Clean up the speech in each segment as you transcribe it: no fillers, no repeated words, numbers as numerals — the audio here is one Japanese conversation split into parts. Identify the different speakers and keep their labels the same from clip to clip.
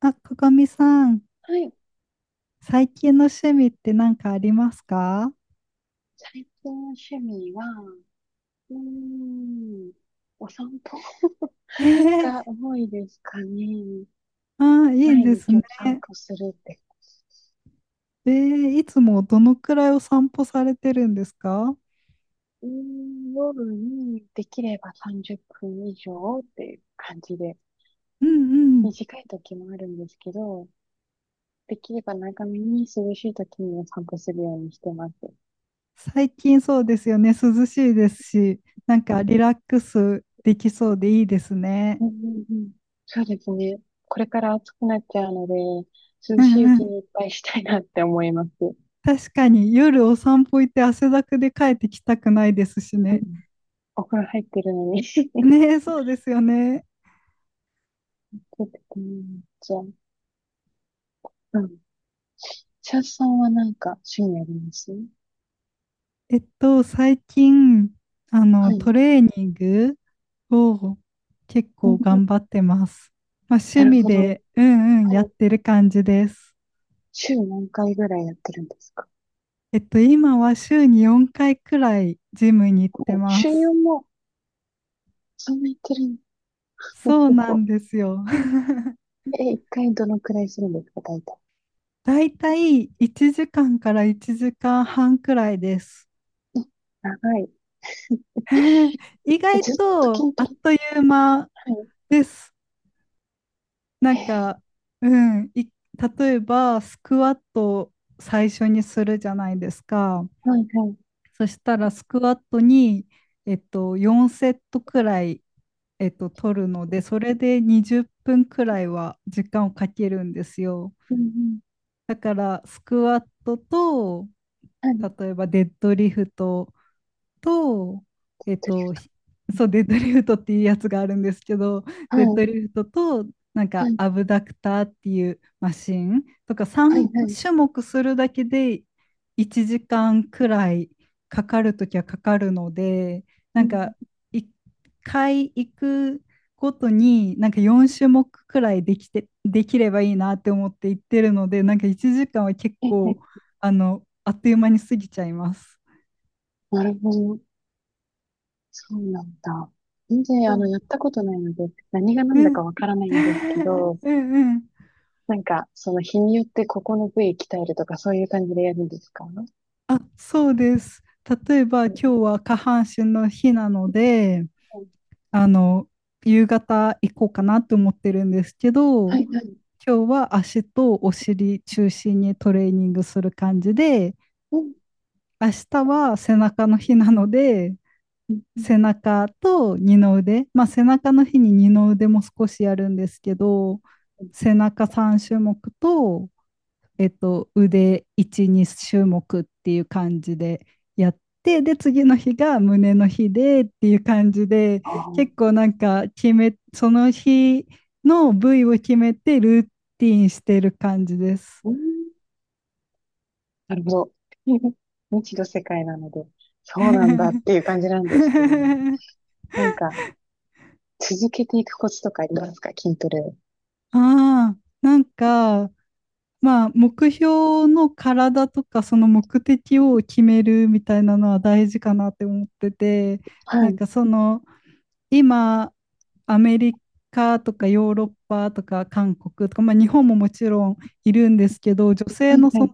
Speaker 1: あ、ここみさん、
Speaker 2: はい。
Speaker 1: 最近の趣味って何かありますか？
Speaker 2: 最近の趣味は、うーん、お散歩
Speaker 1: えー
Speaker 2: が多いですかね。
Speaker 1: あいい
Speaker 2: 毎
Speaker 1: です
Speaker 2: 日
Speaker 1: ね。
Speaker 2: お散歩するって。
Speaker 1: えいつもどのくらいお散歩されてるんですか？
Speaker 2: 夜にできれば30分以上っていう感じで、
Speaker 1: うんうん。
Speaker 2: 短い時もあるんですけど、できれば長めに涼しい時にお散歩するようにしてます。
Speaker 1: 最近そうですよね。涼しいですし、なんかリラックスできそうでいいですね。
Speaker 2: うんうんうん。そうですね。これから暑くなっちゃうので、涼
Speaker 1: う
Speaker 2: しいう
Speaker 1: んう
Speaker 2: ち
Speaker 1: ん。
Speaker 2: にいっぱいしたいなって思います。
Speaker 1: 確かに夜お散歩行って汗だくで帰ってきたくないですし
Speaker 2: うん。
Speaker 1: ね。
Speaker 2: お風呂入ってるのに
Speaker 1: ねえ、そうですよね。
Speaker 2: 出てこないんじゃん。うん。シャッさんはなんか趣味あります？
Speaker 1: 最近、
Speaker 2: はい。
Speaker 1: トレーニングを結
Speaker 2: う
Speaker 1: 構
Speaker 2: ん、
Speaker 1: 頑張ってます。まあ、
Speaker 2: な
Speaker 1: 趣
Speaker 2: る
Speaker 1: 味
Speaker 2: ほど。
Speaker 1: で、うんうん
Speaker 2: は
Speaker 1: やっ
Speaker 2: い。
Speaker 1: てる感じです。
Speaker 2: 週何回ぐらいやってるんですか？
Speaker 1: 今は週に4回くらいジムに行って
Speaker 2: お
Speaker 1: ま
Speaker 2: 週
Speaker 1: す。
Speaker 2: 4もそんなやってるん
Speaker 1: そうなんですよ。
Speaker 2: で、1回どのくらいするんですか、大体？
Speaker 1: だいたい1時間から1時間半くらいです。
Speaker 2: 長い。
Speaker 1: 意
Speaker 2: え、
Speaker 1: 外
Speaker 2: ずっと
Speaker 1: と
Speaker 2: 筋
Speaker 1: あ
Speaker 2: ト
Speaker 1: っ
Speaker 2: レ？
Speaker 1: という間
Speaker 2: はい。
Speaker 1: です。な
Speaker 2: へ
Speaker 1: ん
Speaker 2: え
Speaker 1: か、うん、い例えばスクワットを最初にするじゃないですか。
Speaker 2: ー。はいはい。
Speaker 1: そしたらスクワットに、4セットくらい、取るので、それで20分くらいは時間をかけるんですよ。
Speaker 2: うんうん。
Speaker 1: だから、スクワットと、
Speaker 2: はい。
Speaker 1: 例えばデッドリフトと、えっ
Speaker 2: ドリフ
Speaker 1: と、
Speaker 2: ト。
Speaker 1: ひそう、デッドリフトっていうやつがあるんですけど、
Speaker 2: は
Speaker 1: デッ
Speaker 2: い。
Speaker 1: ドリフトと、なん
Speaker 2: は
Speaker 1: か、
Speaker 2: い。
Speaker 1: アブダクターっていうマシンとか、
Speaker 2: はい
Speaker 1: 3
Speaker 2: はい。
Speaker 1: 種目するだけで1時間くらいかかるときはかかるので、
Speaker 2: う
Speaker 1: なん
Speaker 2: ん。
Speaker 1: か、1回行くごとに、なんか4種目くらいできて、できればいいなって思って行ってるので、なんか1時間は結
Speaker 2: えーえ
Speaker 1: 構、
Speaker 2: ー。
Speaker 1: あっという間に過ぎちゃいます。
Speaker 2: なるほど。そうなんだ。全然、
Speaker 1: そう
Speaker 2: やったことないので、何が
Speaker 1: う
Speaker 2: 何だか
Speaker 1: ん。
Speaker 2: わからないんですけ ど、
Speaker 1: うんうん。
Speaker 2: なんか、その日によってここの部位鍛えるとか、そういう感じでやるんですか？は
Speaker 1: あ、そうです。例えば今日は下半身の日なので、
Speaker 2: い
Speaker 1: あの、夕方行こうかなと思ってるんですけ
Speaker 2: は
Speaker 1: ど、
Speaker 2: い。
Speaker 1: 今日は足とお尻中心にトレーニングする感じで、
Speaker 2: うん。
Speaker 1: 明日は背中の日なので、
Speaker 2: うん、
Speaker 1: 背中と二の腕、まあ背中の日に二の腕も少しやるんですけど、背中3種目と腕1、2種目っていう感じでやって、で、次の日が胸の日でっていう感じで、
Speaker 2: あ
Speaker 1: 結
Speaker 2: あ、
Speaker 1: 構なんかその日の部位を決めてルーティンしてる感じです。
Speaker 2: うん。なるほど。未知の世界なので、そうなんだっていう感じなんですけれども。なんか、続けていくコツとかありますか、筋トレを？
Speaker 1: ああ、なんか、まあ、目標の体とか、その目的を決めるみたいなのは大事かなって思ってて、
Speaker 2: は
Speaker 1: なん
Speaker 2: い。
Speaker 1: かその、今、アメリカとかヨーロッパとか韓国とか、まあ、日本ももちろんいるんですけど、女
Speaker 2: は
Speaker 1: 性
Speaker 2: い、
Speaker 1: のそ
Speaker 2: は
Speaker 1: の
Speaker 2: い、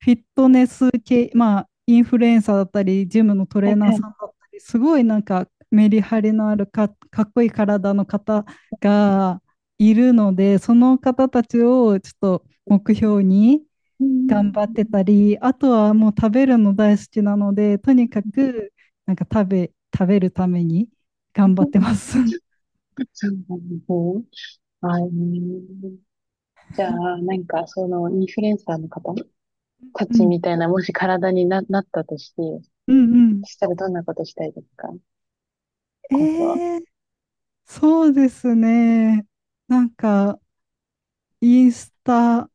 Speaker 1: フィットネス系、まあ、インフルエンサーだったり、ジムのト
Speaker 2: は
Speaker 1: レー
Speaker 2: い、
Speaker 1: ナー
Speaker 2: はい。
Speaker 1: さんだったり、すごいなんかメリハリのあるかっこいい体の方がいるので、その方たちをちょっと目標に
Speaker 2: うん。
Speaker 1: 頑張ってたり、あとはもう食べるの大好きなので、とにかくなんか食べるために頑張
Speaker 2: そ
Speaker 1: っ
Speaker 2: う
Speaker 1: て
Speaker 2: な
Speaker 1: ます。
Speaker 2: んですね。あー、じゃあ、なんか、その、インフルエンサーの方た
Speaker 1: う
Speaker 2: ち
Speaker 1: ん、
Speaker 2: みたいな、もし体になったとして、
Speaker 1: うんうん。
Speaker 2: そしたらどんなことしたいですか、こと？
Speaker 1: えーそうですね。なんか、インスタ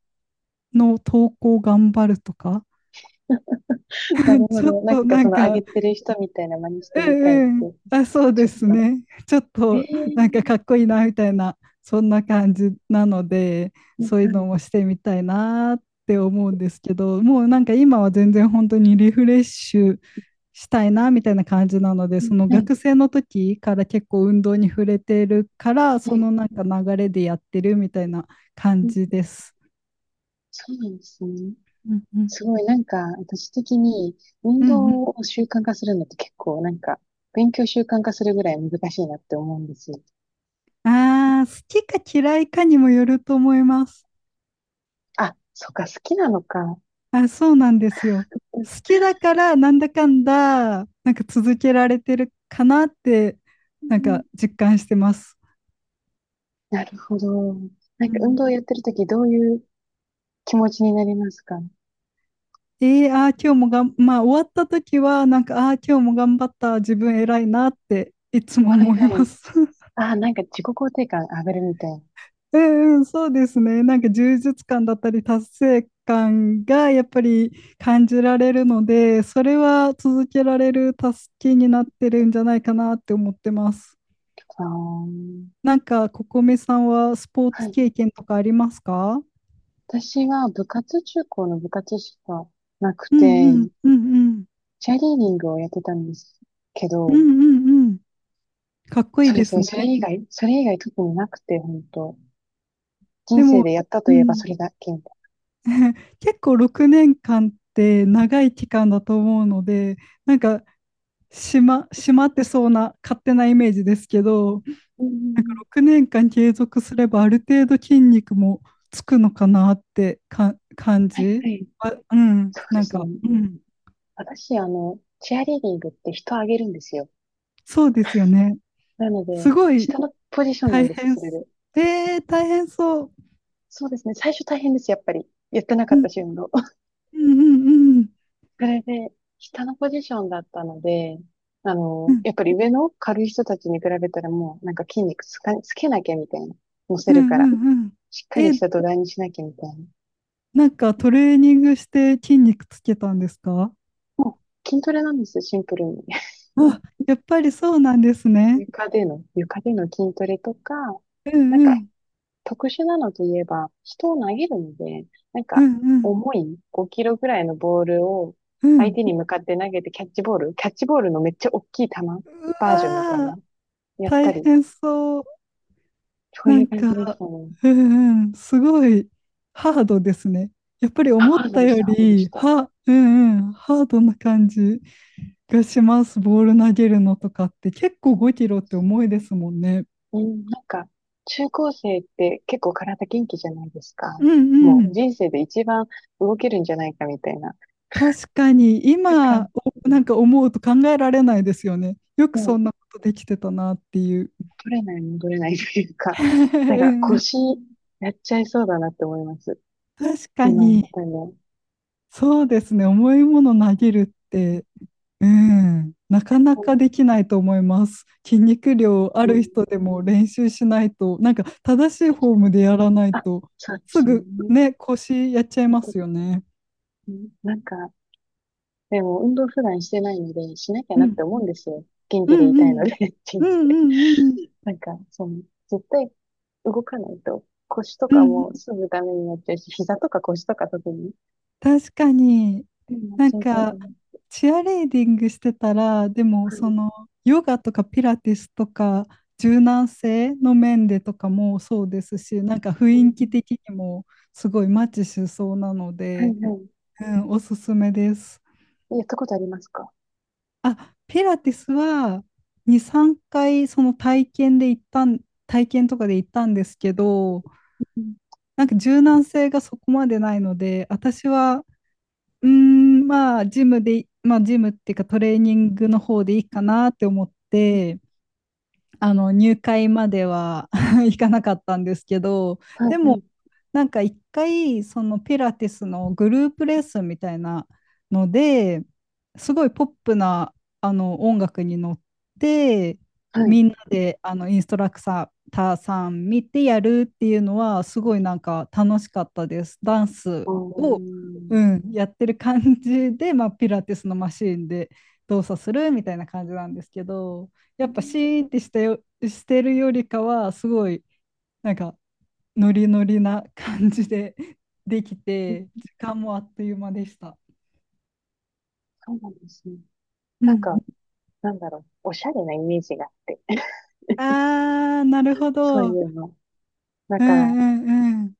Speaker 1: の投稿頑張るとか、
Speaker 2: な るほ
Speaker 1: ちょっ
Speaker 2: ど。なん
Speaker 1: と
Speaker 2: か
Speaker 1: な
Speaker 2: そ
Speaker 1: ん
Speaker 2: の上げ
Speaker 1: か、
Speaker 2: てる人みたいな真似して
Speaker 1: う
Speaker 2: みたいって、
Speaker 1: んうん。あ、そう
Speaker 2: ち
Speaker 1: で
Speaker 2: ょっ
Speaker 1: す
Speaker 2: と。
Speaker 1: ね。ちょっ
Speaker 2: え
Speaker 1: と
Speaker 2: え。
Speaker 1: なんかかっこいいなみたいな、そんな感じなので、
Speaker 2: は
Speaker 1: そういうのも
Speaker 2: い、
Speaker 1: してみたいなって思うんですけど、もうなんか今は全然本当にリフレッシュしたいなみたいな感じなので、その
Speaker 2: はい、
Speaker 1: 学生の時から結構運動に触れてるから、
Speaker 2: は
Speaker 1: そ
Speaker 2: い。
Speaker 1: のなんか流れでやってるみたいな
Speaker 2: う
Speaker 1: 感
Speaker 2: ん、
Speaker 1: じです。
Speaker 2: そうなんですね。
Speaker 1: うんうん。
Speaker 2: すごい、なんか、私的に、運
Speaker 1: うんうん。
Speaker 2: 動を習慣化するのって結構、なんか、勉強習慣化するぐらい難しいなって思うんですよ。
Speaker 1: ああ、好きか嫌いかにもよると思います。
Speaker 2: あ、そっか、好きなのか。
Speaker 1: あ、そうなんですよ。好きだからなんだかんだ、なんか続けられてるかなって、
Speaker 2: う
Speaker 1: なん
Speaker 2: ん、
Speaker 1: か実感してます。
Speaker 2: なるほど。な
Speaker 1: う
Speaker 2: んか、運動
Speaker 1: ん。
Speaker 2: やってるとき、どういう気持ちになりますか？
Speaker 1: えー、あー今日もがん、まあ終わった時は、なんか、あー今日も頑張った、自分偉いなっていつも
Speaker 2: はい
Speaker 1: 思い
Speaker 2: は
Speaker 1: ま
Speaker 2: い。
Speaker 1: す。
Speaker 2: ああ、なんか自己肯定感上がるみたいな。
Speaker 1: うんうん、そうですね。なんか充実感だったり、達成感がやっぱり感じられるので、それは続けられる助けになってるんじゃないかなって思ってます。
Speaker 2: ああ。
Speaker 1: なんか、ここめさんはスポー
Speaker 2: は
Speaker 1: ツ
Speaker 2: い。
Speaker 1: 経験とかありますか？
Speaker 2: 私は部活、中高の部活しかなく
Speaker 1: うん、うん、
Speaker 2: て、
Speaker 1: うん、うん、
Speaker 2: チアリーディングをやってたんですけ
Speaker 1: う
Speaker 2: ど、
Speaker 1: ん、うん、うん。かっこいい
Speaker 2: そうで
Speaker 1: で
Speaker 2: す
Speaker 1: す
Speaker 2: ね、
Speaker 1: ね。
Speaker 2: それ以外特になくて、本当
Speaker 1: で
Speaker 2: 人生
Speaker 1: も、
Speaker 2: でやった
Speaker 1: う
Speaker 2: といえば
Speaker 1: ん、
Speaker 2: それだけみた
Speaker 1: 結構6年間って長い期間だと思うので、なんか、しまってそうな勝手なイメージですけど、
Speaker 2: いな。うん。
Speaker 1: なんか
Speaker 2: ん。
Speaker 1: 6年間継続すればある程度筋肉もつくのかなって感
Speaker 2: はい
Speaker 1: じ。
Speaker 2: はい。
Speaker 1: あ、うん、
Speaker 2: そうで
Speaker 1: なん
Speaker 2: す
Speaker 1: か、
Speaker 2: ね。
Speaker 1: うん、
Speaker 2: 私、チアリーディングって人をあげるんですよ。
Speaker 1: そうですよね。
Speaker 2: なので、
Speaker 1: すごい
Speaker 2: 下のポジションなん
Speaker 1: 大
Speaker 2: です、
Speaker 1: 変
Speaker 2: それ
Speaker 1: す。
Speaker 2: で。
Speaker 1: 大変そう。
Speaker 2: そうですね、最初大変です、やっぱり。やってな
Speaker 1: う
Speaker 2: かっ
Speaker 1: ん、
Speaker 2: たし、運動。
Speaker 1: うん、うん、
Speaker 2: それで、下のポジションだったので、
Speaker 1: うん、
Speaker 2: やっぱり上の軽い人たちに比べたらもう、なんか筋肉つけなきゃみたいな。乗
Speaker 1: う
Speaker 2: せ
Speaker 1: ん、
Speaker 2: るか
Speaker 1: う
Speaker 2: ら。
Speaker 1: ん、うん。
Speaker 2: しっかり
Speaker 1: え、
Speaker 2: した土台にしなきゃみたいな。
Speaker 1: なんかトレーニングして筋肉つけたんですか？
Speaker 2: もう、筋トレなんですよ、シンプルに。
Speaker 1: あ、やっぱりそうなんですね。
Speaker 2: 床での筋トレとか、
Speaker 1: うん、
Speaker 2: なん
Speaker 1: う
Speaker 2: か、
Speaker 1: ん、
Speaker 2: 特殊なのといえば、人を投げるので、なん
Speaker 1: うん、
Speaker 2: か、
Speaker 1: うん、
Speaker 2: 重い5キロぐらいのボールを
Speaker 1: う
Speaker 2: 相
Speaker 1: ん。
Speaker 2: 手に向かって投げてキャッチボールのめっちゃ大きい球
Speaker 1: う
Speaker 2: バージョンみたい
Speaker 1: わー、
Speaker 2: な、やっ
Speaker 1: 大
Speaker 2: たり
Speaker 1: 変そう。
Speaker 2: そう
Speaker 1: な
Speaker 2: い
Speaker 1: ん
Speaker 2: う感じでし
Speaker 1: か、
Speaker 2: たね。
Speaker 1: うん、うん、すごいハードですね。やっぱり
Speaker 2: あ、
Speaker 1: 思
Speaker 2: ハ
Speaker 1: っ
Speaker 2: ード
Speaker 1: た
Speaker 2: でし
Speaker 1: よ
Speaker 2: た、ハードでし
Speaker 1: り、
Speaker 2: た。
Speaker 1: うん、うん、ハードな感じ。がします。ボール投げるのとかって結構
Speaker 2: そう、
Speaker 1: 5キロって重いですもんね。
Speaker 2: うん、なんか、中高生って結構体元気じゃないです
Speaker 1: う
Speaker 2: か。
Speaker 1: んう
Speaker 2: も
Speaker 1: ん。
Speaker 2: う人生で一番動けるんじゃないかみたいな
Speaker 1: 確かに今
Speaker 2: 感
Speaker 1: な
Speaker 2: じ。
Speaker 1: んか思うと考えられないですよね。よく
Speaker 2: も
Speaker 1: そ
Speaker 2: う
Speaker 1: んなことできてたなっていう。
Speaker 2: 取れない戻れないというか、なんか 腰やっちゃいそうだなって思います。
Speaker 1: 確か
Speaker 2: 今やっ
Speaker 1: に
Speaker 2: たら。うん
Speaker 1: そうですね。重いもの投げるって、うん、なかな
Speaker 2: うん
Speaker 1: かできないと思います。筋肉量あ
Speaker 2: う
Speaker 1: る
Speaker 2: ん
Speaker 1: 人で
Speaker 2: う
Speaker 1: も
Speaker 2: ん。
Speaker 1: 練習しないと、なんか正しいフォームでやらない
Speaker 2: あ、
Speaker 1: と
Speaker 2: そうで
Speaker 1: す
Speaker 2: すね。
Speaker 1: ぐね、腰やっちゃい
Speaker 2: 本
Speaker 1: ま
Speaker 2: 当
Speaker 1: すよ
Speaker 2: に。
Speaker 1: ね。
Speaker 2: うん、なんか、でも運動普段してないので、しなきゃ
Speaker 1: う
Speaker 2: なっ
Speaker 1: ん
Speaker 2: て思うんですよ。元
Speaker 1: う
Speaker 2: 気で
Speaker 1: ん
Speaker 2: い
Speaker 1: う
Speaker 2: たいの
Speaker 1: ん。
Speaker 2: で、
Speaker 1: う
Speaker 2: 人生。
Speaker 1: んうんうん。
Speaker 2: なんか、その、絶対動かないと、腰と
Speaker 1: う
Speaker 2: か
Speaker 1: んうんうん。
Speaker 2: もすぐダメになっちゃうし、膝とか腰とか特に、
Speaker 1: 確かに。
Speaker 2: うん、なっ
Speaker 1: なん
Speaker 2: ちゃいそうだ
Speaker 1: か、
Speaker 2: ね。
Speaker 1: チアレーディングしてたら、でも、
Speaker 2: は
Speaker 1: そ
Speaker 2: い。
Speaker 1: の、ヨガとかピラティスとか、柔軟性の面でとかもそうですし、なんか雰囲気的にもすごいマッチしそうなの
Speaker 2: はい、
Speaker 1: で、
Speaker 2: はい。
Speaker 1: うん、おすすめです。
Speaker 2: やったことありますか？
Speaker 1: あ、ピラティスは2、3回その体験で行ったん、体験とかで行ったんですけど、
Speaker 2: うん、
Speaker 1: なんか柔軟性がそこまでないので、私はまあ、ジムで、まあ、ジムっていうかトレーニングの方でいいかなって思っ
Speaker 2: うん。
Speaker 1: て、あの入会までは 行かなかったんですけど
Speaker 2: はい、
Speaker 1: で
Speaker 2: は
Speaker 1: も
Speaker 2: い、
Speaker 1: なんか一回そのピラティスのグループレッスンみたいなのですごいポップなあの音楽に乗って
Speaker 2: はい。
Speaker 1: みんなであのインストラクターさん見てやるっていうのはすごいなんか楽しかったです。ダンス
Speaker 2: あー、
Speaker 1: を、
Speaker 2: うん、
Speaker 1: うん、やってる感じで、まあ、ピラティスのマシーンで動作するみたいな感じなんですけど。やっぱシーンってしてるよりかは、すごい、なんか、ノリノリな感じで できて、時間もあっという間でした。
Speaker 2: そうなんですね。
Speaker 1: う
Speaker 2: なん
Speaker 1: ん、
Speaker 2: か、なんだろう、おしゃれなイメージがあって、
Speaker 1: なるほ
Speaker 2: そ
Speaker 1: ど。
Speaker 2: う
Speaker 1: うん
Speaker 2: いうの。だ
Speaker 1: う
Speaker 2: から、
Speaker 1: んうん。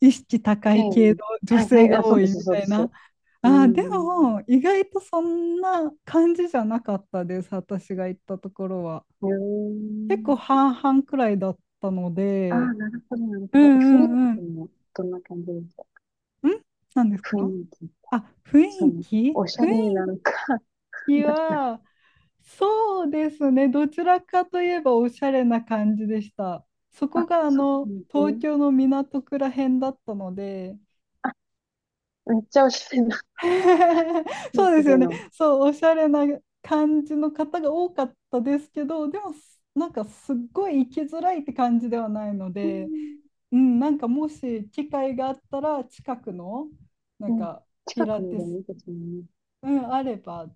Speaker 1: 意識高
Speaker 2: ペ
Speaker 1: い系の
Speaker 2: ン、
Speaker 1: 女
Speaker 2: はいは
Speaker 1: 性
Speaker 2: い、あ、
Speaker 1: が
Speaker 2: そう
Speaker 1: 多
Speaker 2: で
Speaker 1: い
Speaker 2: す、
Speaker 1: み
Speaker 2: そ
Speaker 1: た
Speaker 2: うで
Speaker 1: い
Speaker 2: す。
Speaker 1: な。
Speaker 2: うー
Speaker 1: あー、で
Speaker 2: ん、
Speaker 1: も、意外とそんな感じじゃなかったです、私が行ったところは。
Speaker 2: うー
Speaker 1: 結構
Speaker 2: ん。
Speaker 1: 半々くらいだったの
Speaker 2: ああ、
Speaker 1: で、
Speaker 2: なるほど、なる
Speaker 1: う
Speaker 2: ほ
Speaker 1: んう
Speaker 2: ど。雰囲
Speaker 1: んうん。
Speaker 2: 気も。どんな感じです？
Speaker 1: 何です
Speaker 2: 雰
Speaker 1: か？
Speaker 2: 囲気。
Speaker 1: あ、
Speaker 2: そう。おし
Speaker 1: 雰
Speaker 2: ゃれ
Speaker 1: 囲
Speaker 2: なのか、わ
Speaker 1: 気
Speaker 2: かんない
Speaker 1: は、そうですね。どちらかといえばおしゃれな感じでした。そ
Speaker 2: な。
Speaker 1: こ
Speaker 2: あ、
Speaker 1: が
Speaker 2: そうなんです
Speaker 1: 東
Speaker 2: ね。
Speaker 1: 京の港区ら辺だったので、
Speaker 2: あ、めっちゃおしゃれな 雰囲
Speaker 1: そうで
Speaker 2: 気
Speaker 1: すよ
Speaker 2: で
Speaker 1: ね。
Speaker 2: の。
Speaker 1: そう、おしゃれな感じの方が多かったですけど、でも、なんかすっごい行きづらいって感じではないの
Speaker 2: うん。
Speaker 1: で、うん、なんかもし機会があったら、近くの、なん
Speaker 2: うん、
Speaker 1: か、ピ
Speaker 2: 近
Speaker 1: ラ
Speaker 2: くに
Speaker 1: ティ
Speaker 2: でも
Speaker 1: ス、
Speaker 2: いいですもんね。
Speaker 1: うん、あれば、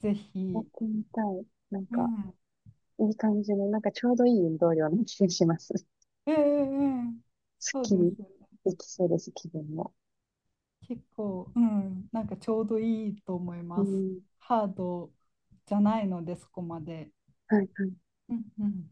Speaker 1: ぜ
Speaker 2: やっ
Speaker 1: ひ。
Speaker 2: てみたい。なん
Speaker 1: う
Speaker 2: か、
Speaker 1: ん、
Speaker 2: いい感じの、なんかちょうどいい運動量の気がします。
Speaker 1: ええええ、
Speaker 2: すっ
Speaker 1: そう
Speaker 2: き
Speaker 1: です
Speaker 2: り
Speaker 1: ね。
Speaker 2: できそうです、気分も。
Speaker 1: 結構、うん、なんかちょうどいいと思い
Speaker 2: う
Speaker 1: ます。
Speaker 2: ん。
Speaker 1: ハードじゃないので、そこまで。
Speaker 2: はいはい。
Speaker 1: うんうん